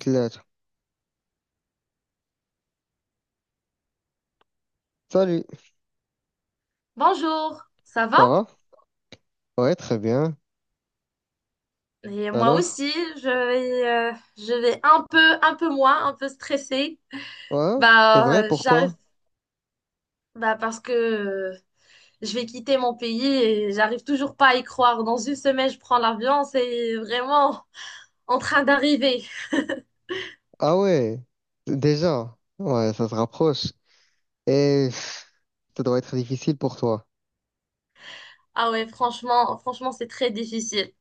Claire. Salut, Bonjour, ça ça va? va? Ouais, très bien. Et moi Alors? aussi, je vais un peu moins, un peu stressée. Ouais, c'est vrai, J'arrive, pourquoi? Parce que je vais quitter mon pays et j'arrive toujours pas à y croire. Dans une semaine, je prends l'avion, c'est vraiment en train d'arriver. Ah ouais, déjà. Ouais, ça se rapproche. Et pff, ça doit être difficile pour toi. Ah ouais, franchement, c'est très difficile.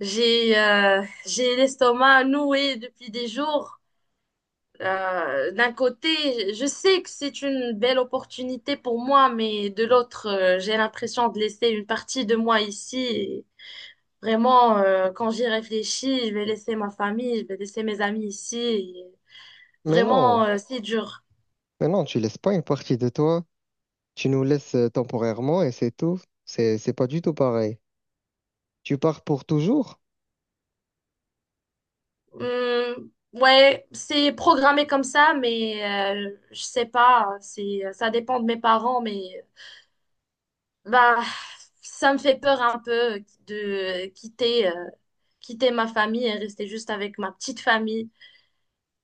J'ai l'estomac noué depuis des jours. D'un côté, je sais que c'est une belle opportunité pour moi, mais de l'autre, j'ai l'impression de laisser une partie de moi ici. Et vraiment, quand j'y réfléchis, je vais laisser ma famille, je vais laisser mes amis ici. Et Mais vraiment, non, c'est dur. mais non, tu laisses pas une partie de toi. Tu nous laisses temporairement et c'est tout. C'est pas du tout pareil. Tu pars pour toujours? Ouais, c'est programmé comme ça, mais je sais pas. Ça dépend de mes parents, mais bah, ça me fait peur un peu de quitter ma famille et rester juste avec ma petite famille.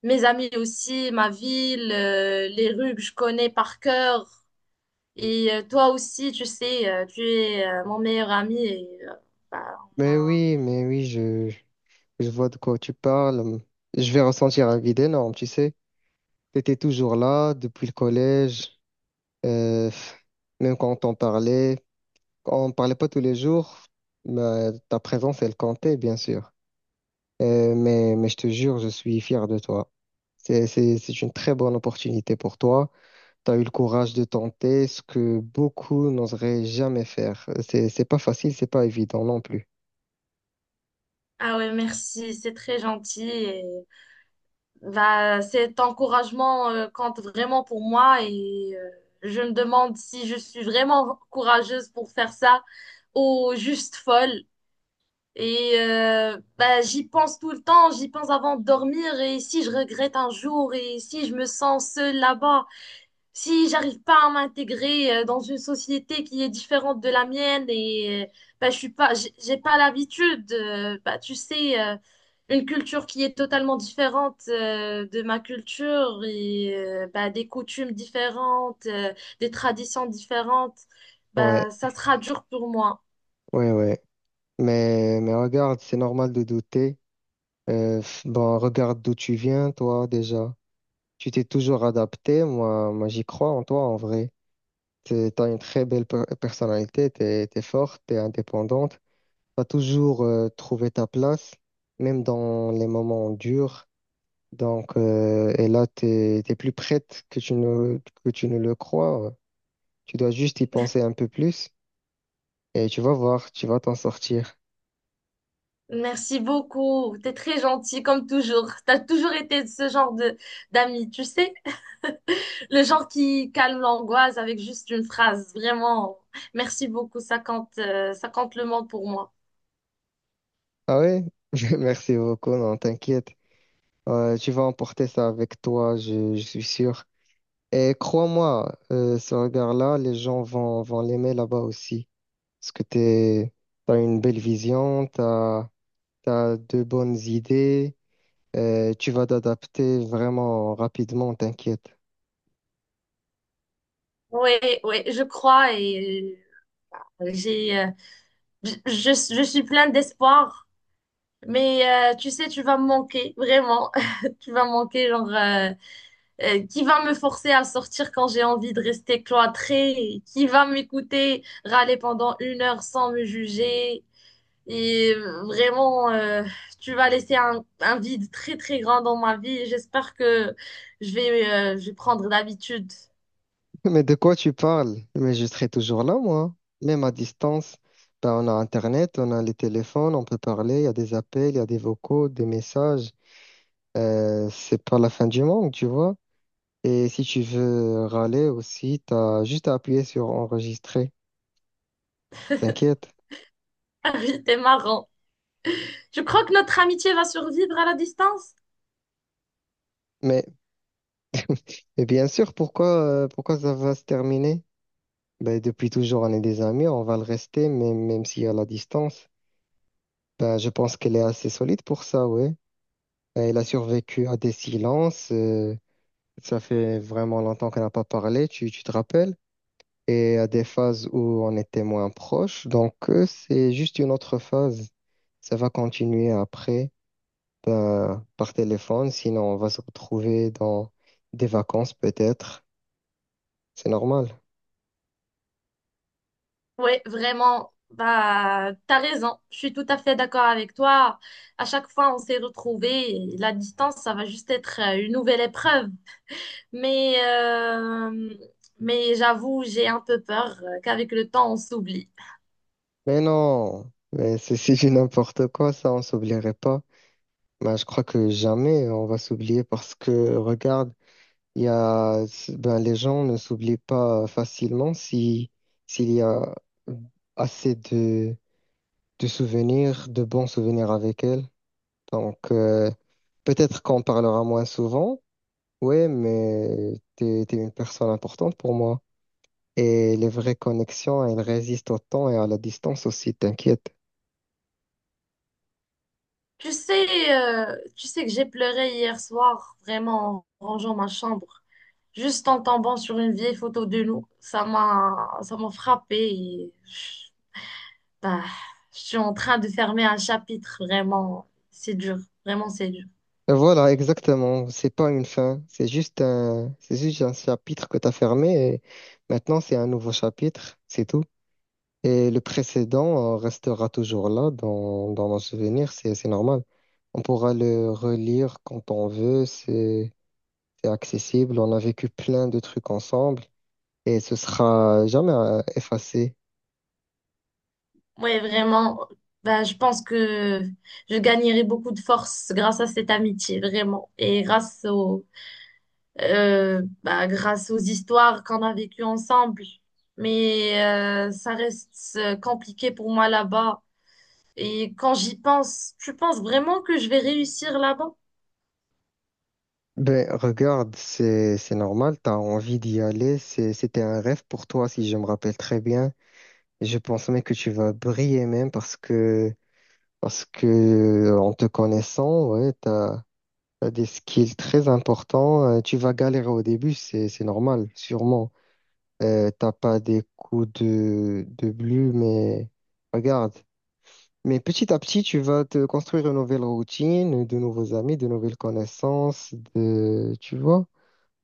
Mes amis aussi, ma ville, les rues que je connais par cœur. Et toi aussi, tu sais, tu es mon meilleur ami. Et, bah, on Mais a... oui, mais oui, je, je vois de quoi tu parles. Je vais ressentir un vide énorme, tu sais. T'étais toujours là depuis le collège. Euh, Même quand on parlait pas tous les jours, mais ta présence, elle comptait, bien sûr. Mais je te jure, je suis fier de toi. C'est une très bonne opportunité pour toi. Tu as eu le courage de tenter ce que beaucoup n'oseraient jamais faire. C'est pas facile, c'est pas évident non plus. Ah ouais, merci, c'est très gentil. Et bah, cet encouragement compte vraiment pour moi et je me demande si je suis vraiment courageuse pour faire ça ou juste folle. Et bah, j'y pense tout le temps, j'y pense avant de dormir et si je regrette un jour et si je me sens seule là-bas, si j'arrive pas à m'intégrer dans une société qui est différente de la mienne et bah, je suis pas, j'ai pas l'habitude, bah, tu sais, une culture qui est totalement différente de ma culture et bah, des coutumes différentes, des traditions différentes, Ouais, bah, ça sera dur pour moi. ouais, ouais. Mais regarde, c'est normal de douter. Bon, regarde d'où tu viens, toi, déjà. Tu t'es toujours adapté. Moi, j'y crois en toi, en vrai. Tu as une très belle personnalité, tu es forte, tu es indépendante, tu as toujours trouvé ta place, même dans les moments durs. Donc, et là, tu es plus prête que tu ne le crois. Tu dois juste y penser un peu plus et tu vas voir, tu vas t'en sortir. Merci beaucoup, t'es très gentil comme toujours. T'as toujours été ce genre de d'amis, tu sais. Le genre qui calme l'angoisse avec juste une phrase. Vraiment, merci beaucoup. Ça compte le monde pour moi. Ah ouais? Merci beaucoup, non, t'inquiète. Tu vas emporter ça avec toi, je suis sûr. Et crois-moi, ce regard-là, les gens vont l'aimer là-bas aussi. Parce que t'es, t'as une belle vision, t'as, t'as de bonnes idées, tu vas t'adapter vraiment rapidement, t'inquiète. Oui, oui, je crois et euh, j'ai, euh, je suis pleine d'espoir. Mais tu sais, tu vas me manquer, vraiment. Tu vas me manquer, qui va me forcer à sortir quand j'ai envie de rester cloîtrée? Qui va m'écouter râler pendant une heure sans me juger? Et vraiment, tu vas laisser un vide très très grand dans ma vie. J'espère que je vais prendre l'habitude. Mais de quoi tu parles? Mais je serai toujours là, moi. Même à distance, ben, on a Internet, on a les téléphones, on peut parler, il y a des appels, il y a des vocaux, des messages. C'est pas la fin du monde, tu vois. Et si tu veux râler aussi, t'as juste à appuyer sur enregistrer, t'inquiète. Ah oui, t'es marrant. Je crois que notre amitié va survivre à la distance. Mais, mais bien sûr, pourquoi ça va se terminer? Ben, depuis toujours, on est des amis, on va le rester, même s'il y a la distance. Ben, je pense qu'elle est assez solide pour ça, ouais. Ben, elle a survécu à des silences. Euh, ça fait vraiment longtemps qu'on n'a pas parlé, tu te rappelles? Et à des phases où on était moins proches. Donc, c'est juste une autre phase. Ça va continuer après, ben, par téléphone. Sinon, on va se retrouver dans des vacances, peut-être. C'est normal. Ouais, vraiment. Bah, t'as raison. Je suis tout à fait d'accord avec toi. À chaque fois, on s'est retrouvés. Et la distance, ça va juste être une nouvelle épreuve. Mais, euh, mais j'avoue, j'ai un peu peur qu'avec le temps, on s'oublie. Mais non, mais c'est du n'importe quoi, ça, on s'oublierait pas. Ben, je crois que jamais on va s'oublier parce que regarde, il y a, ben, les gens ne s'oublient pas facilement si, s'il y a mmh, assez de souvenirs, de bons souvenirs avec elles. Donc, peut-être qu'on parlera moins souvent, ouais, mais t'es une personne importante pour moi. Et les vraies connexions, elles résistent au temps et à la distance aussi, t'inquiète. Tu sais, tu sais que j'ai pleuré hier soir, vraiment, en rangeant ma chambre, juste en tombant sur une vieille photo de nous. Ça m'a frappée et je, bah, je suis en train de fermer un chapitre, vraiment. C'est dur, vraiment, c'est dur. Voilà, exactement. C'est pas une fin. C'est juste un chapitre que tu as fermé et maintenant c'est un nouveau chapitre. C'est tout. Et le précédent restera toujours là dans nos souvenirs. C'est normal. On pourra le relire quand on veut. C'est accessible. On a vécu plein de trucs ensemble et ce sera jamais effacé. Oui, vraiment, bah, je pense que je gagnerai beaucoup de force grâce à cette amitié, vraiment, et bah, grâce aux histoires qu'on a vécues ensemble. Mais ça reste compliqué pour moi là-bas. Et quand j'y pense, tu penses vraiment que je vais réussir là-bas? Ben, regarde, c'est normal. T'as envie d'y aller. C'était un rêve pour toi, si je me rappelle très bien. Je pense même que tu vas briller même parce que en te connaissant, ouais, t'as des skills très importants. Tu vas galérer au début, c'est normal, sûrement. T'as pas des coups de bleu, mais regarde. Mais petit à petit, tu vas te construire une nouvelle routine, de nouveaux amis, de nouvelles connaissances, de tu vois.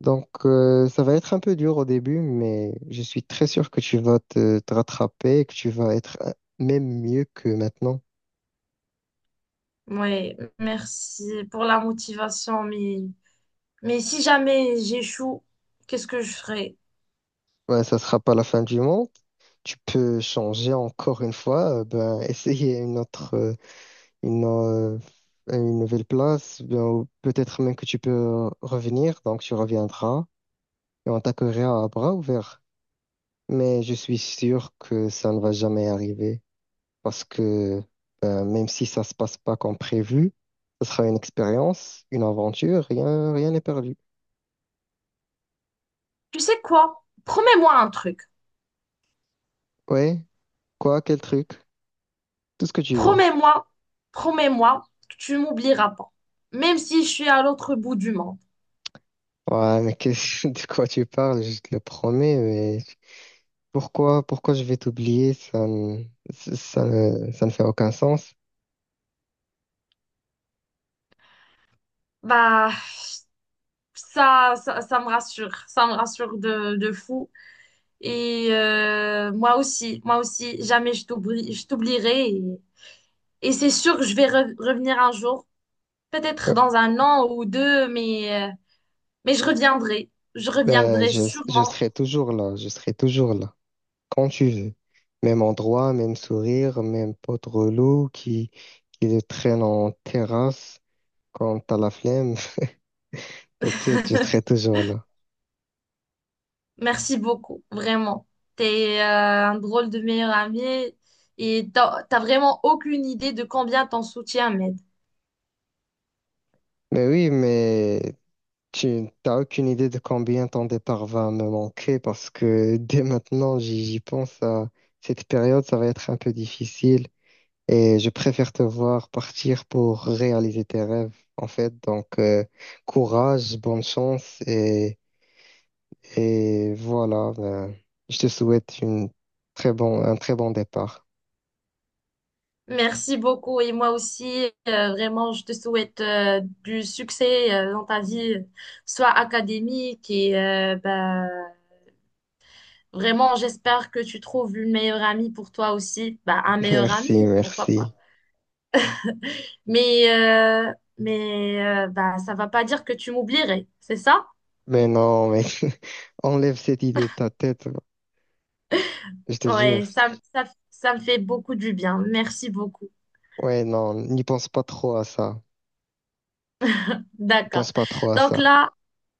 Donc, ça va être un peu dur au début, mais je suis très sûr que tu vas te rattraper, et que tu vas être même mieux que maintenant. Ouais, merci pour la motivation, mais si jamais j'échoue, qu'est-ce que je ferai? Ouais, ça sera pas la fin du monde. Tu peux changer encore une fois, ben, essayer une autre, une, euh, une nouvelle place, ben, ou peut-être même que tu peux revenir, donc tu reviendras et on t'accueillera à bras ouverts. Mais je suis sûr que ça ne va jamais arriver. Parce que même si ça se passe pas comme prévu, ce sera une expérience, une aventure, rien n'est perdu. Tu sais quoi? Promets-moi un truc. Ouais, quel truc, tout ce que tu veux. Promets-moi, Promets-moi que tu m'oublieras pas. Même si je suis à l'autre bout du monde. Ouais, mais qu'est-ce de quoi tu parles, je te le promets, mais pourquoi je vais t'oublier, ça ne fait aucun sens. Bah, ça me rassure de fou. Et moi aussi, jamais je t'oublie, je t'oublierai. Et c'est sûr que je vais revenir un jour, peut-être Euh, dans un an ou deux, mais je reviendrai. Je ben, reviendrai je sûrement. serai toujours là, quand tu veux. Même endroit, même sourire, même pote relou qui le traîne en terrasse quand t'as la flemme. T'inquiète, je serai toujours là. Merci beaucoup, vraiment. T'es un drôle de meilleur ami et t'as vraiment aucune idée de combien t'en soutiens, mais Mais oui, mais tu t'as aucune idée de combien ton départ va me manquer parce que dès maintenant, j'y pense à cette période, ça va être un peu difficile et je préfère te voir partir pour réaliser tes rêves, en fait. Donc, courage, bonne chance et voilà, ben, je te souhaite une très bon, un très bon départ. merci beaucoup et moi aussi, vraiment, je te souhaite du succès dans ta vie, soit académique et bah, vraiment, j'espère que tu trouves une meilleure amie pour toi aussi, bah, un meilleur Merci, ami, pourquoi merci. pas. Mais, euh, Bah, ça va pas dire que tu m'oublierais, c'est ça? Mais non, mais enlève cette idée de ta tête. Je te Ouais, jure. ça, ça, Ça me fait beaucoup du bien. Merci beaucoup. Ouais, non, n'y pense pas trop à ça. N'y D'accord. pense pas trop à Donc ça. là,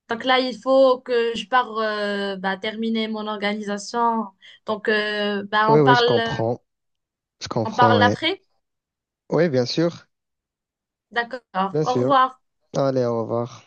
Donc là, il faut que je pars bah, terminer mon organisation. Donc, bah, Ouais, ouais, je comprends. Je on comprends, parle ouais. après. Ouais, bien sûr. D'accord. Bien Au sûr. revoir. Allez, au revoir.